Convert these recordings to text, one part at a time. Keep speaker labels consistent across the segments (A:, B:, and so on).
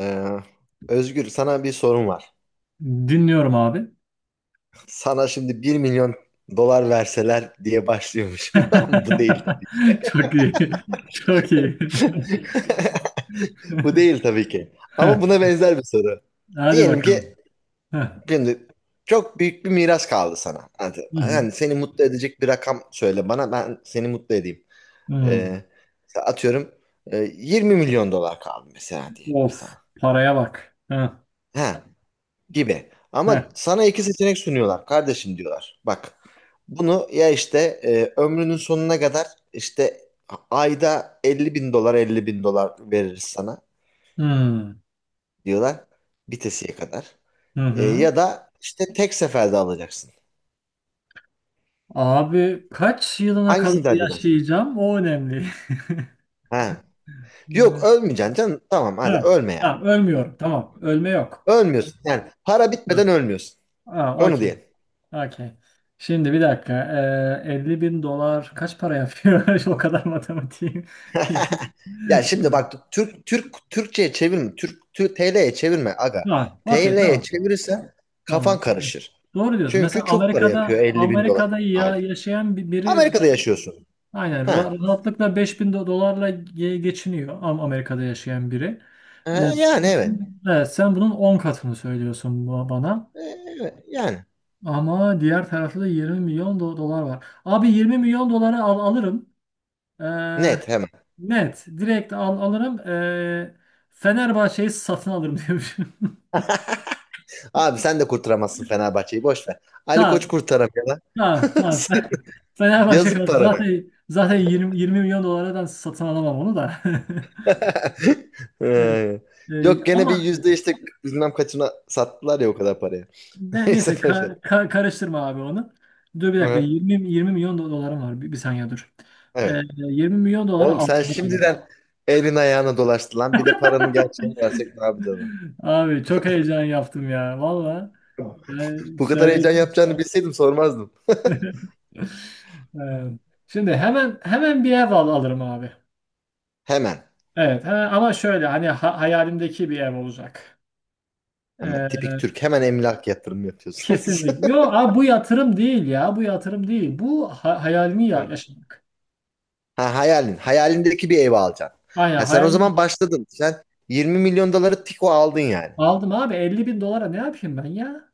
A: Ee, Özgür, sana bir sorum var.
B: Dinliyorum abi.
A: Sana şimdi 1 milyon dolar verseler diye başlıyormuşum. Bu değil.
B: Çok iyi. Çok iyi.
A: Bu değil tabii ki. Ama buna benzer bir soru.
B: Hadi
A: Diyelim ki
B: bakalım. Heh.
A: şimdi çok büyük bir miras kaldı sana. Yani,
B: Hı hı.
A: yani seni mutlu edecek bir rakam söyle bana, ben seni mutlu edeyim.
B: Hı.
A: Ee, atıyorum, 20 milyon dolar kaldı mesela, diyelim ki sana.
B: Of, paraya bak. Heh.
A: Ha, gibi.
B: Heh.
A: Ama sana iki seçenek sunuyorlar kardeşim, diyorlar. Bak, bunu ya işte ömrünün sonuna kadar işte ayda 50 bin dolar 50 bin dolar veririz sana
B: Hı.
A: diyorlar, bitesiye kadar.
B: Hı hı.
A: Ya da işte tek seferde alacaksın.
B: Abi kaç yılına kadar
A: Hangisini tercih edersin?
B: yaşayacağım? O önemli.
A: Ha. Yok,
B: Hı.
A: ölmeyeceksin canım. Tamam, hadi
B: Ha,
A: ölme yani.
B: tamam, ölmüyorum. Tamam, ölme yok.
A: Ölmüyorsun, yani para bitmeden
B: Hı.
A: ölmüyorsun.
B: Ha,
A: Onu
B: okey.
A: diyelim.
B: Okey. Şimdi bir dakika. 50 bin dolar kaç para yapıyor? O kadar matematiğim.
A: Ya şimdi bak, Türkçe'ye çevirme. Türk, Türk TL'ye çevirme aga.
B: Var. Okey,
A: TL'ye
B: tamam.
A: çevirirsen kafan
B: Tamam.
A: karışır.
B: Doğru diyorsun. Mesela
A: Çünkü çok para
B: Amerika'da
A: yapıyor 50 bin dolar
B: Amerika'da ya
A: aylık.
B: yaşayan biri
A: Amerika'da yaşıyorsun.
B: aynen
A: Ha.
B: rahatlıkla 5.000 dolarla geçiniyor Amerika'da yaşayan biri. Ee,
A: Yani, evet.
B: evet, sen bunun 10 katını söylüyorsun bana.
A: E, evet. Yani.
B: Ama diğer tarafta da 20 milyon dolar var. Abi 20 milyon doları alırım. Ee,
A: Net, hemen.
B: net. Direkt alırım. Fenerbahçe'yi satın alırım
A: Abi, sen de kurtaramazsın Fenerbahçe'yi, boş ver. Ali Koç
B: diyorum.
A: kurtaramıyor lan.
B: Ha, tamam. Sen, Fenerbahçe
A: Yazık
B: kaldı.
A: paranı.
B: Zaten 20 milyon dolara satın alamam onu da.
A: E,
B: Evet. Ee,
A: yok, gene bir
B: ama
A: yüzde işte bilmem kaçına sattılar ya o kadar parayı.
B: ne,
A: Neyse
B: neyse
A: paşa.
B: karıştırma abi onu. Dur bir
A: Hı,
B: dakika,
A: hı.
B: 20 milyon dolarım var. Bir saniye dur.
A: Evet.
B: 20 milyon dolara
A: Oğlum, sen
B: aldım.
A: şimdiden elin ayağına dolaştı lan. Bir de paranın gerçeğini versek ne yapacağız, lan?
B: Abi, çok heyecan yaptım ya valla. Ee,
A: Bu kadar heyecan
B: söyledim.
A: yapacağını bilseydim sormazdım.
B: Ee, şimdi hemen hemen bir ev alırım abi.
A: Hemen.
B: Evet, ama şöyle hani hayalimdeki bir ev olacak.
A: Hemen. Tipik
B: Ee,
A: Türk. Hemen emlak yatırımı yapıyorsunuz.
B: Kesinlikle. Yok abi, bu yatırım değil ya. Bu yatırım değil. Bu hayalini yaşamak.
A: Ha, hayalin. Hayalindeki bir evi alacaksın.
B: Aynen,
A: Ha, sen o
B: hayalini
A: zaman başladın. Sen 20 milyon doları tiko aldın yani.
B: aldım abi. 50 bin dolara ne yapayım ben ya?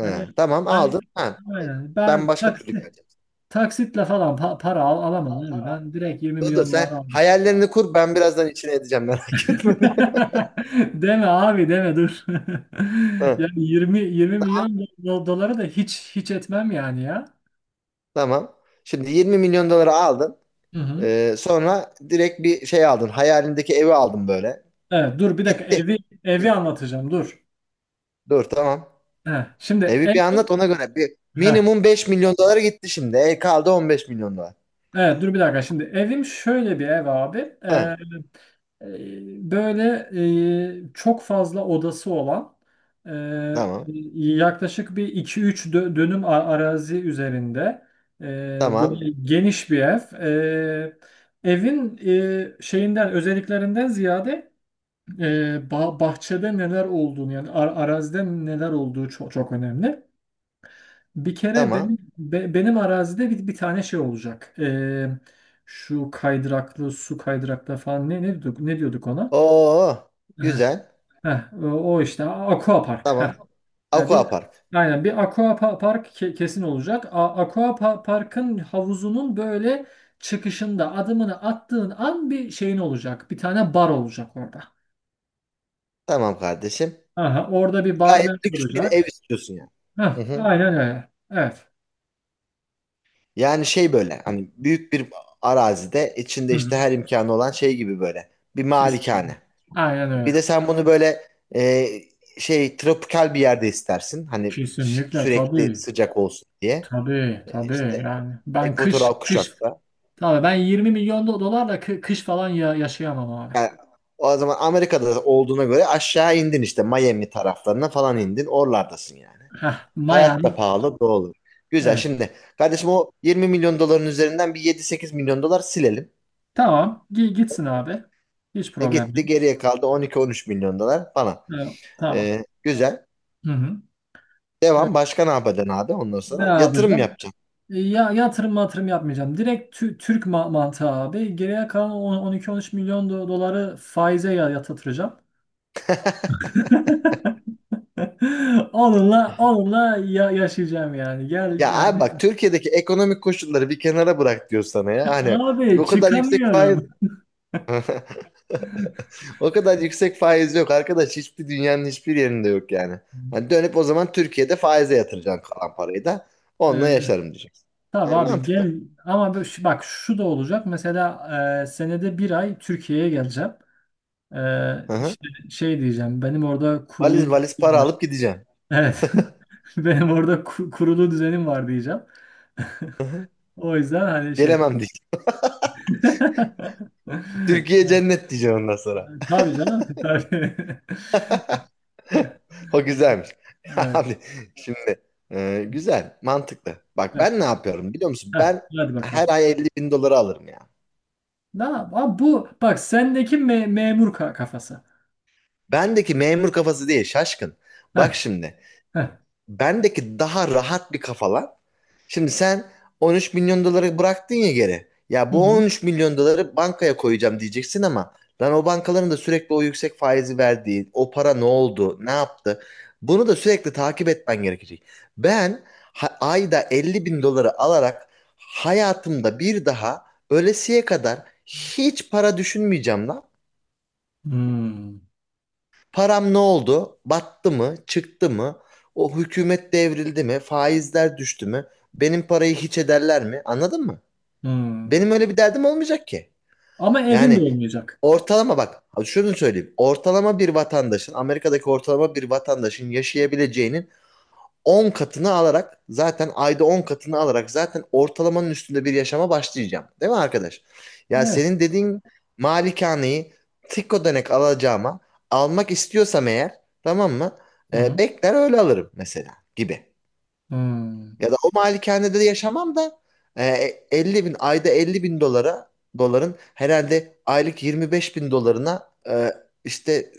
B: Hani
A: tamam,
B: ay,
A: aldın. Ha,
B: aynen.
A: ben
B: Ben
A: başka türlü
B: taksi,
A: geleceğim.
B: taksitle falan para alamam abi. Ben direkt 20
A: Dur,
B: milyon
A: sen
B: dolara aldım.
A: hayallerini kur, ben birazdan içine edeceğim merak etme diye.
B: Deme abi, deme, dur.
A: Ha,
B: Yani yirmi milyon doları da hiç etmem yani ya.
A: tamam. Şimdi 20 milyon doları aldın.
B: Hı hı.
A: Sonra direkt bir şey aldın. Hayalindeki evi aldın böyle.
B: Evet, dur bir dakika
A: Gitti.
B: evi anlatacağım, dur.
A: Dur, tamam.
B: Heh, şimdi
A: Evi
B: ev.
A: bir anlat ona göre. Bir,
B: Heh.
A: minimum 5 milyon dolara gitti şimdi. E, kaldı 15 milyon dolar.
B: Evet, dur bir dakika, şimdi evim şöyle bir ev abi.
A: Ha,
B: Ee, böyle çok fazla odası olan, e,
A: tamam.
B: yaklaşık bir iki üç dönüm arazi üzerinde, e,
A: Tamam.
B: böyle geniş bir ev. E, evin şeyinden, özelliklerinden ziyade, e, bahçede neler olduğunu, yani arazide neler olduğu çok, çok önemli. Bir kere
A: Tamam.
B: benim benim arazide bir tane şey olacak. Şu kaydıraklı su kaydıraklı falan ne diyorduk ona?
A: Oo,
B: Heh,
A: güzel.
B: heh, o işte aqua park. Heh.
A: Tamam.
B: Yani bir
A: Aquapark.
B: aynen bir aqua park kesin olacak. Aqua parkın havuzunun böyle çıkışında adımını attığın an bir şeyin olacak. Bir tane bar olacak orada.
A: Tamam kardeşim.
B: Aha, orada bir
A: Gayet
B: barmen
A: lüks bir ev
B: olacak.
A: istiyorsun yani.
B: Heh,
A: Hı hı.
B: aynen öyle. Evet.
A: Yani şey, böyle hani büyük bir arazide içinde
B: Hı hı,
A: işte her imkanı olan şey gibi böyle. Bir
B: kesin.
A: malikane.
B: Aynen
A: Bir
B: öyle.
A: de sen bunu böyle e, şey, tropikal bir yerde istersin. Hani
B: Kesinlikle,
A: sürekli
B: tabii.
A: sıcak olsun diye.
B: Tabii, tabii,
A: İşte
B: yani ben kış
A: ekvatoral
B: kış
A: kuşakta.
B: tabii ben 20 milyon dolarla kış falan ya yaşayamam abi.
A: Yani o zaman Amerika'da olduğuna göre aşağı indin, işte Miami taraflarına falan indin. Oralardasın yani.
B: Heh,
A: Hayat da
B: Miami.
A: pahalı, doğru. Güzel,
B: Evet.
A: şimdi kardeşim o 20 milyon doların üzerinden bir 7-8 milyon dolar silelim.
B: Tamam. Gitsin abi. Hiç problem
A: Gitti,
B: değil.
A: geriye kaldı 12-13 milyon dolar falan.
B: Evet, tamam.
A: Güzel.
B: Hı hı. Ee,
A: Devam. Başka ne yapacaksın abi ondan
B: ne
A: sonra? Yatırım
B: yapacağım?
A: yapacaksın.
B: Ya yatırım matırım yapmayacağım. Direkt Türk mantığı abi. Geriye kalan 12-13 milyon doları faize yatıracağım. Onunla yaşayacağım yani. Gel
A: Ya abi
B: yani
A: bak, Türkiye'deki ekonomik koşulları bir kenara bırak diyor sana ya. Hani
B: abi,
A: o kadar yüksek faiz,
B: çıkamıyorum.
A: o kadar yüksek faiz yok arkadaş. Hiçbir, dünyanın hiçbir yerinde yok yani. Hani
B: Ee,
A: dönüp o zaman Türkiye'de faize yatıracaksın kalan parayı da, onunla yaşarım diyeceksin.
B: tabii
A: Ay,
B: abi,
A: mantıklı.
B: gel ama bak şu da olacak mesela, senede bir ay Türkiye'ye geleceğim.
A: Hı hı.
B: İşte şey diyeceğim, benim orada kurulu
A: Valiz valiz
B: düzenim
A: para
B: var.
A: alıp gideceksin.
B: Evet, benim orada kurulu düzenim var diyeceğim.
A: Hı hı.
B: O yüzden hani şey.
A: Gelemem diyeceksin. Türkiye
B: Evet,
A: cennet diyeceksin ondan sonra.
B: tabii canım, tabii.
A: O güzelmiş.
B: Evet,
A: Abi, şimdi güzel, mantıklı. Bak,
B: evet.
A: ben ne yapıyorum biliyor musun?
B: Heh,
A: Ben
B: hadi
A: her
B: bakalım.
A: ay 50 bin doları alırım ya.
B: Abi, bu bak, sendeki memur kafası.
A: Bendeki memur kafası değil şaşkın.
B: Heh,
A: Bak şimdi.
B: heh.
A: Bendeki daha rahat bir kafa lan. Şimdi sen 13 milyon doları bıraktın ya geri. Ya
B: Hı
A: bu
B: hı.
A: 13 milyon doları bankaya koyacağım diyeceksin ama, lan, o bankaların da sürekli o yüksek faizi verdiği, o para ne oldu, ne yaptı? Bunu da sürekli takip etmen gerekecek. Ben ayda 50 bin doları alarak hayatımda bir daha, ölesiye kadar, hiç para düşünmeyeceğim lan.
B: Hmm,
A: Param ne oldu? Battı mı? Çıktı mı? O hükümet devrildi mi? Faizler düştü mü? Benim parayı hiç ederler mi? Anladın mı?
B: hmm.
A: Benim öyle bir derdim olmayacak ki.
B: Ama evin
A: Yani
B: de olmayacak.
A: ortalama, bak şunu söyleyeyim. Ortalama bir vatandaşın, Amerika'daki ortalama bir vatandaşın yaşayabileceğinin 10 katını alarak, zaten ayda 10 katını alarak zaten ortalamanın üstünde bir yaşama başlayacağım. Değil mi arkadaş? Ya
B: Evet.
A: senin dediğin malikaneyi tık ödenek alacağıma almak istiyorsam eğer, tamam mı?
B: Hı hı.
A: Bekler öyle alırım mesela gibi.
B: Hmm.
A: Ya da o malikanede de yaşamam da e, 50 bin ayda 50 bin dolara, doların herhalde aylık 25 bin dolarına işte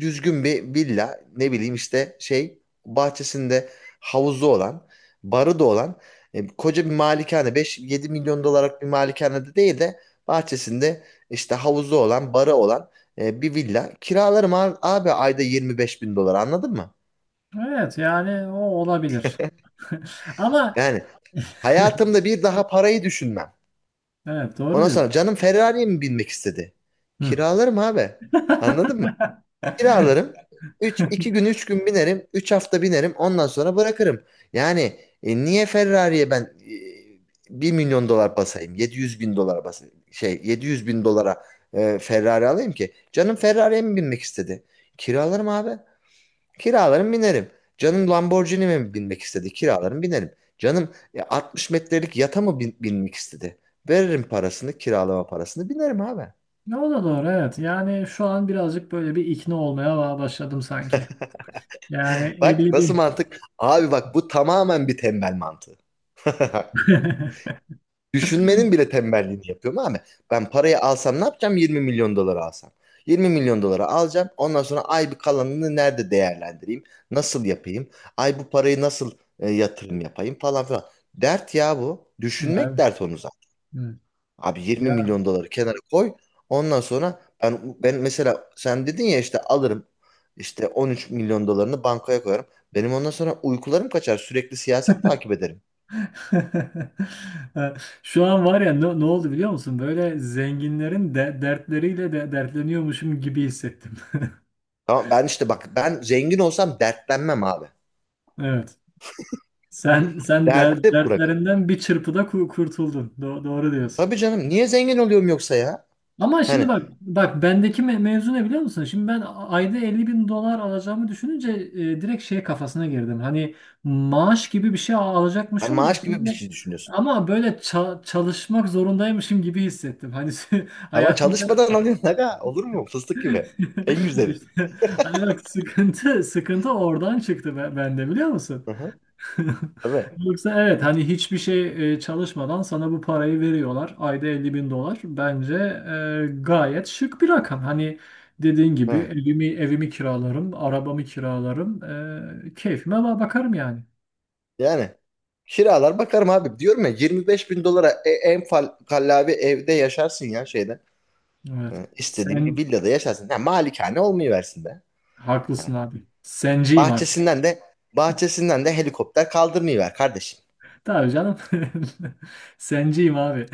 A: düzgün bir villa, ne bileyim işte şey, bahçesinde havuzu olan, barı da olan koca bir malikane, 5-7 milyon dolarlık bir malikanede değil de bahçesinde işte havuzu olan, barı olan bir villa kiralarım abi, abi ayda 25 bin dolar, anladın mı?
B: Evet, yani o olabilir. Ama
A: Yani hayatımda bir daha parayı düşünmem.
B: evet, doğru
A: Ondan
B: diyorsun.
A: sonra, canım Ferrari'ye mi binmek istedi?
B: Hı.
A: Kiralarım abi. Anladın mı? Kiralarım. 3 2 gün, 3 gün binerim. Üç hafta binerim. Ondan sonra bırakırım. Yani niye Ferrari'ye ben 1 milyon dolar basayım? 700 bin dolar basayım. Şey, 700 bin dolara Ferrari alayım ki. Canım Ferrari'ye mi binmek istedi? Kiralarım abi. Kiralarım, binerim. Canım Lamborghini mi binmek istedi? Kiralarım, binerim. Canım 60 metrelik yata mı binmek istedi? Veririm parasını, kiralama parasını, binerim abi.
B: Ne, o da doğru, evet. Yani şu an birazcık böyle bir ikna olmaya başladım sanki. Yani
A: Bak,
B: 50
A: nasıl
B: bin.
A: mantık? Abi bak, bu tamamen bir tembel mantığı. Düşünmenin bile tembelliğini yapıyorum abi. Ben parayı alsam ne yapacağım? 20 milyon doları alsam. 20 milyon doları alacağım. Ondan sonra, ay, bir kalanını nerede değerlendireyim? Nasıl yapayım? Ay, bu parayı nasıl yatırım yapayım, falan filan. Dert ya bu. Düşünmek
B: Evet.
A: dert onu.
B: Evet.
A: Abi, 20
B: Ya.
A: milyon doları kenara koy. Ondan sonra ben, ben mesela sen dedin ya, işte alırım işte 13 milyon dolarını bankaya koyarım. Benim ondan sonra uykularım kaçar. Sürekli siyaset takip ederim.
B: Şu an var ya, ne oldu biliyor musun? Böyle zenginlerin de dertleriyle de dertleniyormuşum gibi hissettim.
A: Tamam, ben işte bak, ben zengin olsam dertlenmem abi.
B: Evet. Sen der-
A: Derdi de bırakın.
B: dertlerinden bir çırpıda kurtuldun. Doğru diyorsun.
A: Tabii canım, niye zengin oluyorum yoksa ya?
B: Ama şimdi
A: Hani
B: bak bendeki mevzu ne biliyor musun? Şimdi ben ayda 50 bin dolar alacağımı düşününce, direkt şey kafasına girdim. Hani maaş gibi bir şey al-
A: ben
B: alacakmışım da
A: maaş gibi bir
B: böyle-
A: şey düşünüyorsun.
B: ama böyle çalışmak zorundaymışım gibi hissettim. Hani
A: Ama
B: hayatımda
A: çalışmadan alıyorsun aga. Olur mu? Fıstık gibi. En güzeli.
B: işte hani, bak, sıkıntı oradan çıktı bende biliyor musun?
A: Hı hı. Tabii.
B: Yoksa evet, hani hiçbir şey, çalışmadan sana bu parayı veriyorlar. Ayda 50 bin dolar. Bence gayet şık bir rakam. Hani dediğin gibi
A: Hı.
B: evimi kiralarım, arabamı kiralarım. Keyfime bakarım yani.
A: Yani kiralar bakarım abi. Diyorum ya, 25 bin dolara kallavi evde yaşarsın ya, şeyde.
B: Evet.
A: İstediğin bir
B: Sen
A: villada yaşarsın. Ha, malikane olmayıversin be.
B: haklısın
A: Ha.
B: abi. Senciyim artık.
A: Bahçesinden de bahçesinden de helikopter kaldırmayıver kardeşim.
B: Tabii canım. Senciyim abi.